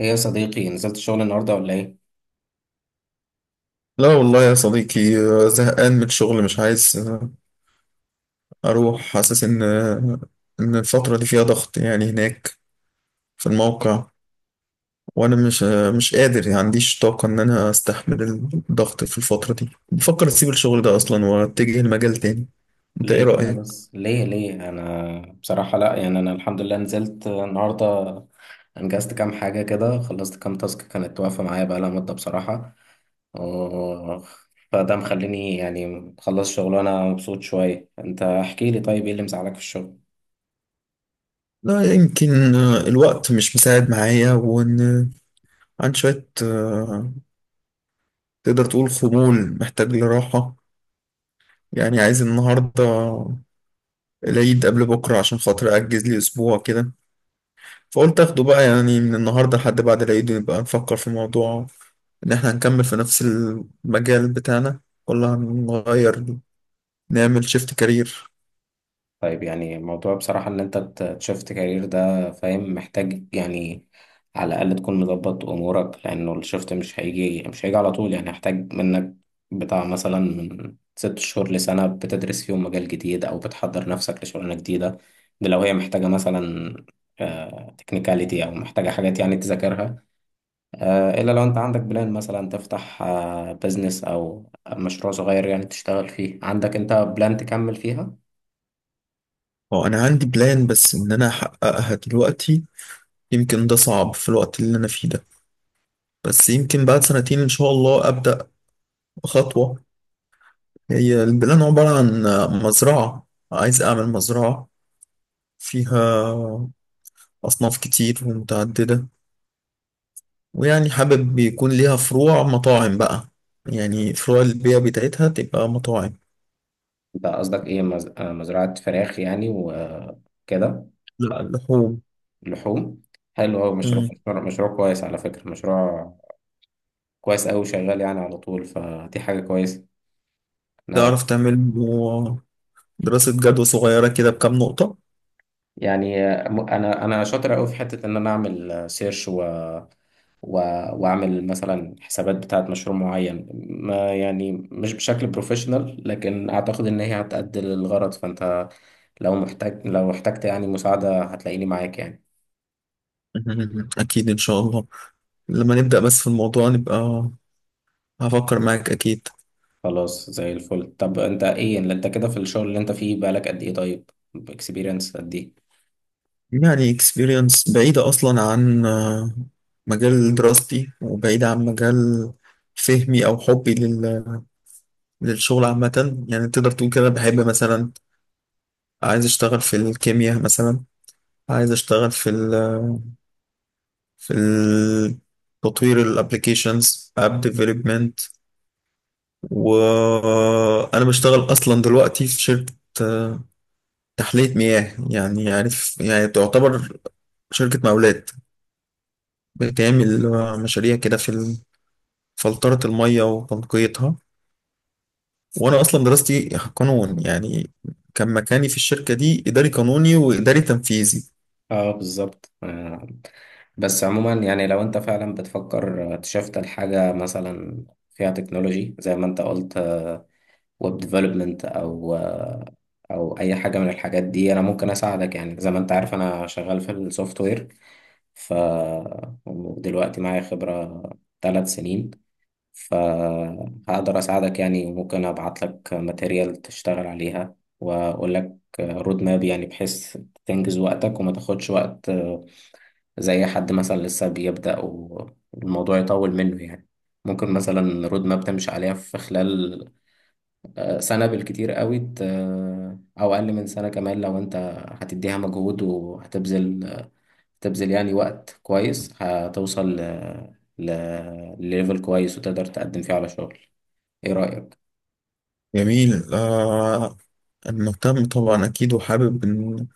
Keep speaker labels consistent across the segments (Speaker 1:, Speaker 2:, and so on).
Speaker 1: ايه يا صديقي، نزلت الشغل النهارده ولا ايه؟
Speaker 2: لا والله يا صديقي زهقان من الشغل مش عايز أروح حاسس إن الفترة دي فيها ضغط يعني هناك في الموقع وأنا مش قادر يعني عنديش طاقة إن أنا أستحمل الضغط في الفترة دي بفكر أسيب الشغل ده أصلا وأتجه لمجال تاني. أنت إيه
Speaker 1: ليه كده
Speaker 2: رأيك؟
Speaker 1: بس؟ ليه ليه؟ انا بصراحة لا، يعني انا الحمد لله نزلت النهارده، انجزت كام حاجة كده، خلصت كام تاسك كانت واقفة معايا بقالها مدة بصراحة. آه، فده مخليني يعني مخلص شغل وانا مبسوط شوية. انت احكي لي طيب، ايه اللي مزعلك في الشغل؟
Speaker 2: لا يمكن الوقت مش مساعد معايا وإن عن شوية تقدر تقول خمول محتاج لراحة يعني عايز النهاردة العيد قبل بكرة عشان خاطر أجز لي أسبوع كده، فقلت اخده بقى يعني من النهارده لحد بعد العيد نبقى نفكر في موضوع ان احنا هنكمل في نفس المجال بتاعنا ولا هنغير نعمل شيفت كارير.
Speaker 1: طيب، يعني موضوع بصراحة إن أنت تشفت كارير ده، فاهم، محتاج يعني على الأقل تكون مظبط أمورك، لأنه الشفت مش هيجي على طول. يعني هيحتاج منك بتاع مثلا من 6 شهور لسنة بتدرس فيهم مجال جديد أو بتحضر نفسك لشغلانة جديدة، ده لو هي محتاجة مثلا تكنيكاليتي أو محتاجة حاجات يعني تذاكرها. إلا لو أنت عندك بلان مثلا تفتح بزنس أو مشروع صغير يعني تشتغل فيه، عندك أنت بلان تكمل فيها.
Speaker 2: اه انا عندي بلان بس ان انا احققها دلوقتي يمكن ده صعب في الوقت اللي انا فيه ده، بس يمكن بعد سنتين ان شاء الله ابدا خطوه. هي البلان عباره عن مزرعه، عايز اعمل مزرعه فيها اصناف كتير ومتعدده، ويعني حابب يكون ليها فروع مطاعم بقى، يعني فروع البيع بتاعتها تبقى مطاعم.
Speaker 1: انت قصدك ايه، مز... آه، مزرعة فراخ يعني وكده؟
Speaker 2: لا لحوم.
Speaker 1: لحوم. حلو، هو مشروع
Speaker 2: مم.
Speaker 1: مشروع مشروع كويس، على فكرة مشروع كويس أوي، شغال يعني على طول، فدي حاجة كويسة. أنا
Speaker 2: تعرف تعمل له دراسة جدوى صغيرة كده بكام نقطة.
Speaker 1: يعني أنا شاطر أوي في حتة إن أنا أعمل سيرش و... وأعمل مثلا حسابات بتاعة مشروع معين، ما يعني مش بشكل بروفيشنال، لكن أعتقد إن هي هتأدي للغرض. فأنت لو محتاج، لو احتجت يعني مساعدة، هتلاقيني معاك يعني.
Speaker 2: مم. أكيد إن شاء الله، لما نبدأ بس في الموضوع نبقى هفكر معاك أكيد.
Speaker 1: خلاص، زي الفل. طب انت ايه اللي انت كده في الشغل اللي انت فيه بقالك قد ايه طيب؟ اكسبيرينس قد ايه؟
Speaker 2: يعني experience بعيدة أصلا عن مجال دراستي وبعيدة عن مجال فهمي أو حبي للشغل عامة يعني تقدر تقول كده، بحب مثلا عايز أشتغل في الكيمياء مثلا، عايز أشتغل في ال... تطوير الابليكيشنز اب ديفلوبمنت. وانا بشتغل اصلا دلوقتي في شركه آه، تحليه مياه يعني عارف، يعني تعتبر شركة مقاولات بتعمل مشاريع كده في فلترة المية وتنقيتها. وأنا أصلا دراستي قانون يعني، كان مكاني في الشركة دي إداري قانوني وإداري تنفيذي.
Speaker 1: اه، بالظبط. بس عموما يعني لو انت فعلا بتفكر تشفت لحاجة مثلا فيها تكنولوجي زي ما انت قلت، ويب ديفلوبمنت او اي حاجة من الحاجات دي، انا ممكن اساعدك يعني. زي ما انت عارف انا شغال في السوفت وير، ف ودلوقتي معايا خبرة 3 سنين، فهقدر أساعدك يعني، وممكن أبعت لك ماتيريال تشتغل عليها، وأقول لك رود ماب يعني، بحيث تنجز وقتك وما تاخدش وقت زي حد مثلا لسه بيبدأ والموضوع يطول منه يعني. ممكن مثلا رود ماب تمشي عليها في خلال سنة بالكتير قوي، أو أقل من سنة كمان، لو أنت هتديها مجهود وهتبذل يعني وقت كويس، هتوصل ل... لليفل كويس وتقدر تقدم فيه على شغل. ايه رأيك؟
Speaker 2: جميل آه، أنا مهتم طبعا أكيد وحابب إن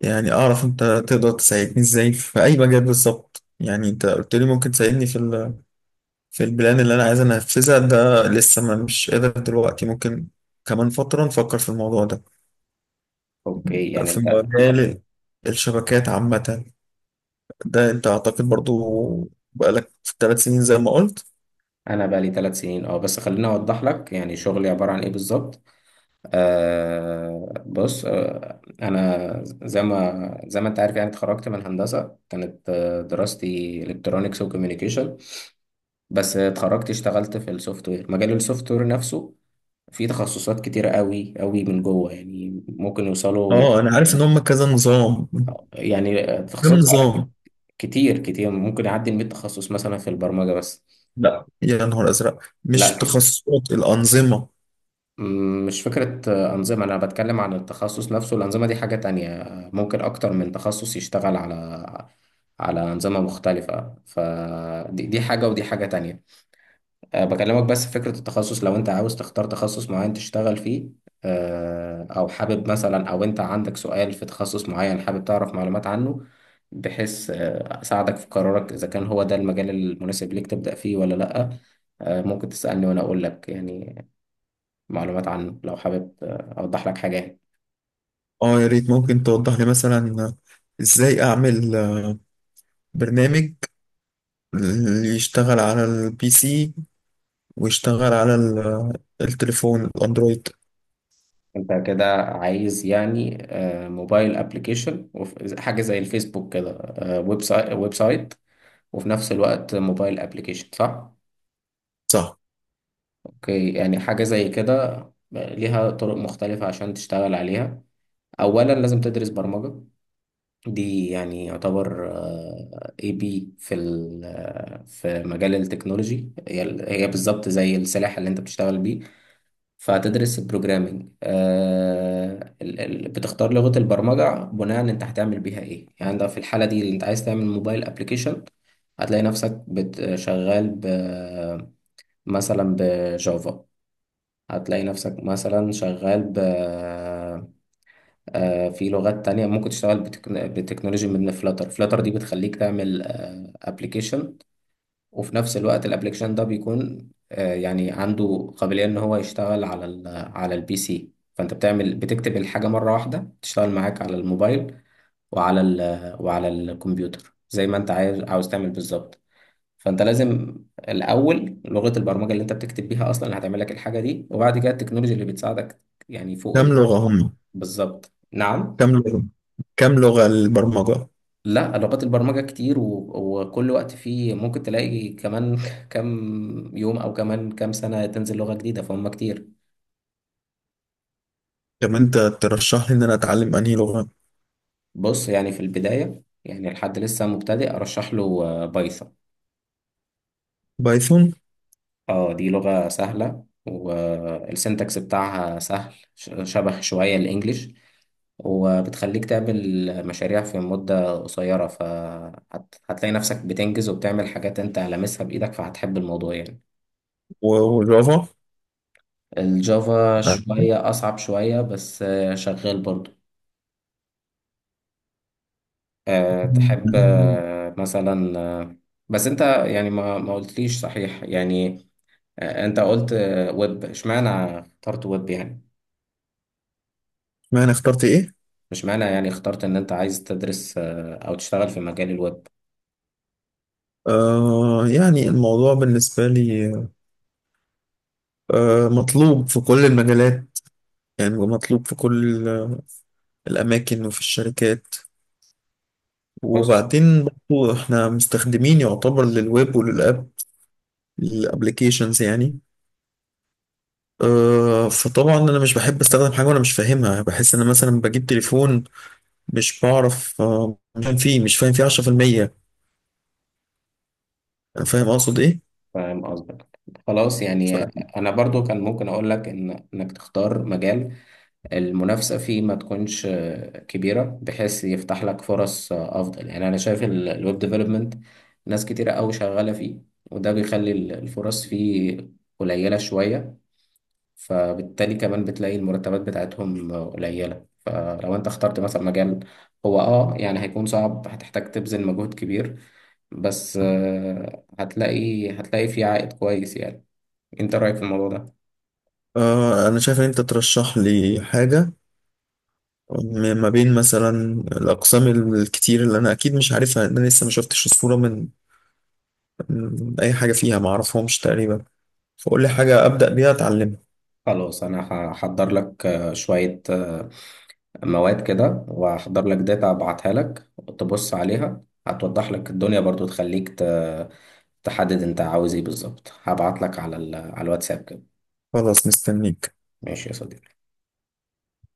Speaker 2: يعني أعرف أنت تقدر تساعدني إزاي في أي مجال بالظبط. يعني أنت قلت لي ممكن تساعدني في البلان اللي أنا عايز أنفذها ده، لسه ما مش قادر دلوقتي، ممكن كمان فترة نفكر في الموضوع ده.
Speaker 1: اوكي يعني
Speaker 2: في
Speaker 1: انت.
Speaker 2: مجال الشبكات عامة، ده انت اعتقد برضو بقالك في 3 سنين زي ما قلت.
Speaker 1: انا بقى لي 3 سنين اه، بس خليني اوضح لك يعني شغلي عبارة عن ايه بالظبط. آه بص، آه انا زي ما انت عارف يعني اتخرجت من هندسة، كانت دراستي الكترونكس وكوميونيكيشن. بس اتخرجت اشتغلت في السوفت وير. مجال السوفت وير نفسه فيه تخصصات كتيرة قوي قوي من جوه، يعني ممكن يوصلوا
Speaker 2: اه انا عارف ان هم كذا نظام،
Speaker 1: يعني
Speaker 2: كم
Speaker 1: تخصصات فعلا
Speaker 2: نظام.
Speaker 1: كتير كتير، ممكن يعدي ال 100 تخصص مثلا في البرمجة بس.
Speaker 2: لا يا نهار ازرق،
Speaker 1: لا،
Speaker 2: مش تخصصات الانظمه.
Speaker 1: مش فكرة أنظمة، أنا بتكلم عن التخصص نفسه. الأنظمة دي حاجة تانية، ممكن أكتر من تخصص يشتغل على على أنظمة مختلفة. فدي حاجة ودي حاجة تانية. بكلمك بس في فكرة التخصص. لو أنت عاوز تختار تخصص معين تشتغل فيه، أو حابب مثلا، أو أنت عندك سؤال في تخصص معين حابب تعرف معلومات عنه، بحيث أساعدك في قرارك إذا كان هو ده المجال المناسب ليك تبدأ فيه ولا لأ. ممكن تسألني وأنا أقول لك يعني معلومات عنه. لو حابب أوضح لك حاجة يعني.
Speaker 2: اه يا ريت ممكن توضح لي مثلا ازاي اعمل برنامج اللي يشتغل على البي سي ويشتغل على التليفون الاندرويد.
Speaker 1: أنت كده عايز يعني موبايل أبليكيشن، حاجة زي الفيسبوك كده. ويب سايت، ويب سايت وفي نفس الوقت موبايل أبليكيشن، صح؟
Speaker 2: صح،
Speaker 1: أوكي، يعني حاجة زي كده ليها طرق مختلفة عشان تشتغل عليها. أولا لازم تدرس برمجة، دي يعني يعتبر اي بي في في مجال التكنولوجي. هي هي بالظبط زي السلاح اللي انت بتشتغل بيه. فهتدرس البروجرامينج، آه بتختار لغة البرمجة بناء انت هتعمل بيها ايه. يعني انت في الحالة دي انت عايز تعمل موبايل ابليكيشن، هتلاقي نفسك شغال ب مثلا بجافا. هتلاقي نفسك مثلا شغال ب في لغات تانية. ممكن تشتغل بتكنولوجي من فلاتر. فلاتر دي بتخليك تعمل ابلكيشن، وفي نفس الوقت الابلكيشن ده بيكون يعني عنده قابلية ان هو يشتغل على على البي سي. فانت بتعمل، بتكتب الحاجة مرة واحدة، تشتغل معاك على الموبايل وعلى وعلى الكمبيوتر، زي ما انت عايز عاوز تعمل بالظبط. فانت لازم الاول لغة البرمجة اللي انت بتكتب بيها اصلا، اللي هتعمل لك الحاجة دي، وبعد كده التكنولوجيا اللي بتساعدك. يعني
Speaker 2: كم لغه هم؟
Speaker 1: بالظبط، نعم.
Speaker 2: كم لغه؟ كم لغه البرمجه؟
Speaker 1: لا، لغات البرمجة كتير وكل وقت فيه ممكن تلاقي كمان كام يوم أو كمان كام سنة تنزل لغة جديدة، فهم كتير.
Speaker 2: طب انت ترشح لي ان انا اتعلم انهي لغه؟
Speaker 1: بص، يعني في البداية يعني لحد لسه مبتدئ أرشح له بايثون.
Speaker 2: بايثون.
Speaker 1: اه، دي لغة سهلة، والسنتكس بتاعها سهل، شبه شوية الإنجليش. وبتخليك تعمل مشاريع في مدة قصيرة، فهتلاقي نفسك بتنجز وبتعمل حاجات أنت لامسها بإيدك، فهتحب الموضوع يعني.
Speaker 2: وجافا؟
Speaker 1: الجافا
Speaker 2: ما
Speaker 1: شوية أصعب شوية، بس شغال برضو. أه، تحب آه، مثلا آه، بس أنت يعني ما ما قلتليش صحيح يعني. أنت قلت ويب. اشمعنى اخترت ويب يعني؟
Speaker 2: انا اخترت ايه؟
Speaker 1: اشمعنى يعني اخترت إن أنت عايز تدرس أو تشتغل في مجال الويب؟
Speaker 2: آه يعني الموضوع بالنسبة لي آه مطلوب في كل المجالات، يعني مطلوب في كل الأماكن وفي الشركات.
Speaker 1: بص،
Speaker 2: وبعدين برضو احنا مستخدمين يعتبر للويب وللأب الابليكيشنز يعني. آه فطبعا أنا مش بحب أستخدم حاجة وأنا مش فاهمها، بحس إن أنا مثلا بجيب تليفون مش بعرف، آه مش فاهم فيه مش فاهم فيه 10%. أنا فاهم أقصد إيه.
Speaker 1: فاهم قصدك. خلاص يعني
Speaker 2: ف-
Speaker 1: أنا برضو كان ممكن أقول لك إنك تختار مجال المنافسة فيه ما تكونش كبيرة، بحيث يفتح لك فرص أفضل. يعني أنا شايف الويب ديفلوبمنت ناس كتيرة أوي شغالة فيه، وده بيخلي الفرص فيه قليلة شوية. فبالتالي كمان بتلاقي المرتبات بتاعتهم قليلة. فلو أنت اخترت مثلا مجال هو أه يعني هيكون صعب، هتحتاج تبذل مجهود كبير، بس هتلاقي فيه عائد كويس يعني. أنت رأيك في الموضوع ده؟
Speaker 2: أنا شايف إن أنت ترشح لي حاجة ما بين مثلا الأقسام الكتير اللي أنا أكيد مش عارفها، لأن أنا لسه ما شفتش الصورة من أي حاجة فيها، ما أعرفهمش تقريبا. فقول لي حاجة أبدأ بيها أتعلمها.
Speaker 1: خلاص، أنا هحضر لك شوية مواد كده، وهحضر لك داتا ابعتها لك تبص عليها، هتوضح لك الدنيا برضو، تخليك تحدد انت عاوز ايه بالظبط. هبعت لك على على الواتساب كده.
Speaker 2: خلاص مستنيك.
Speaker 1: ماشي يا صديقي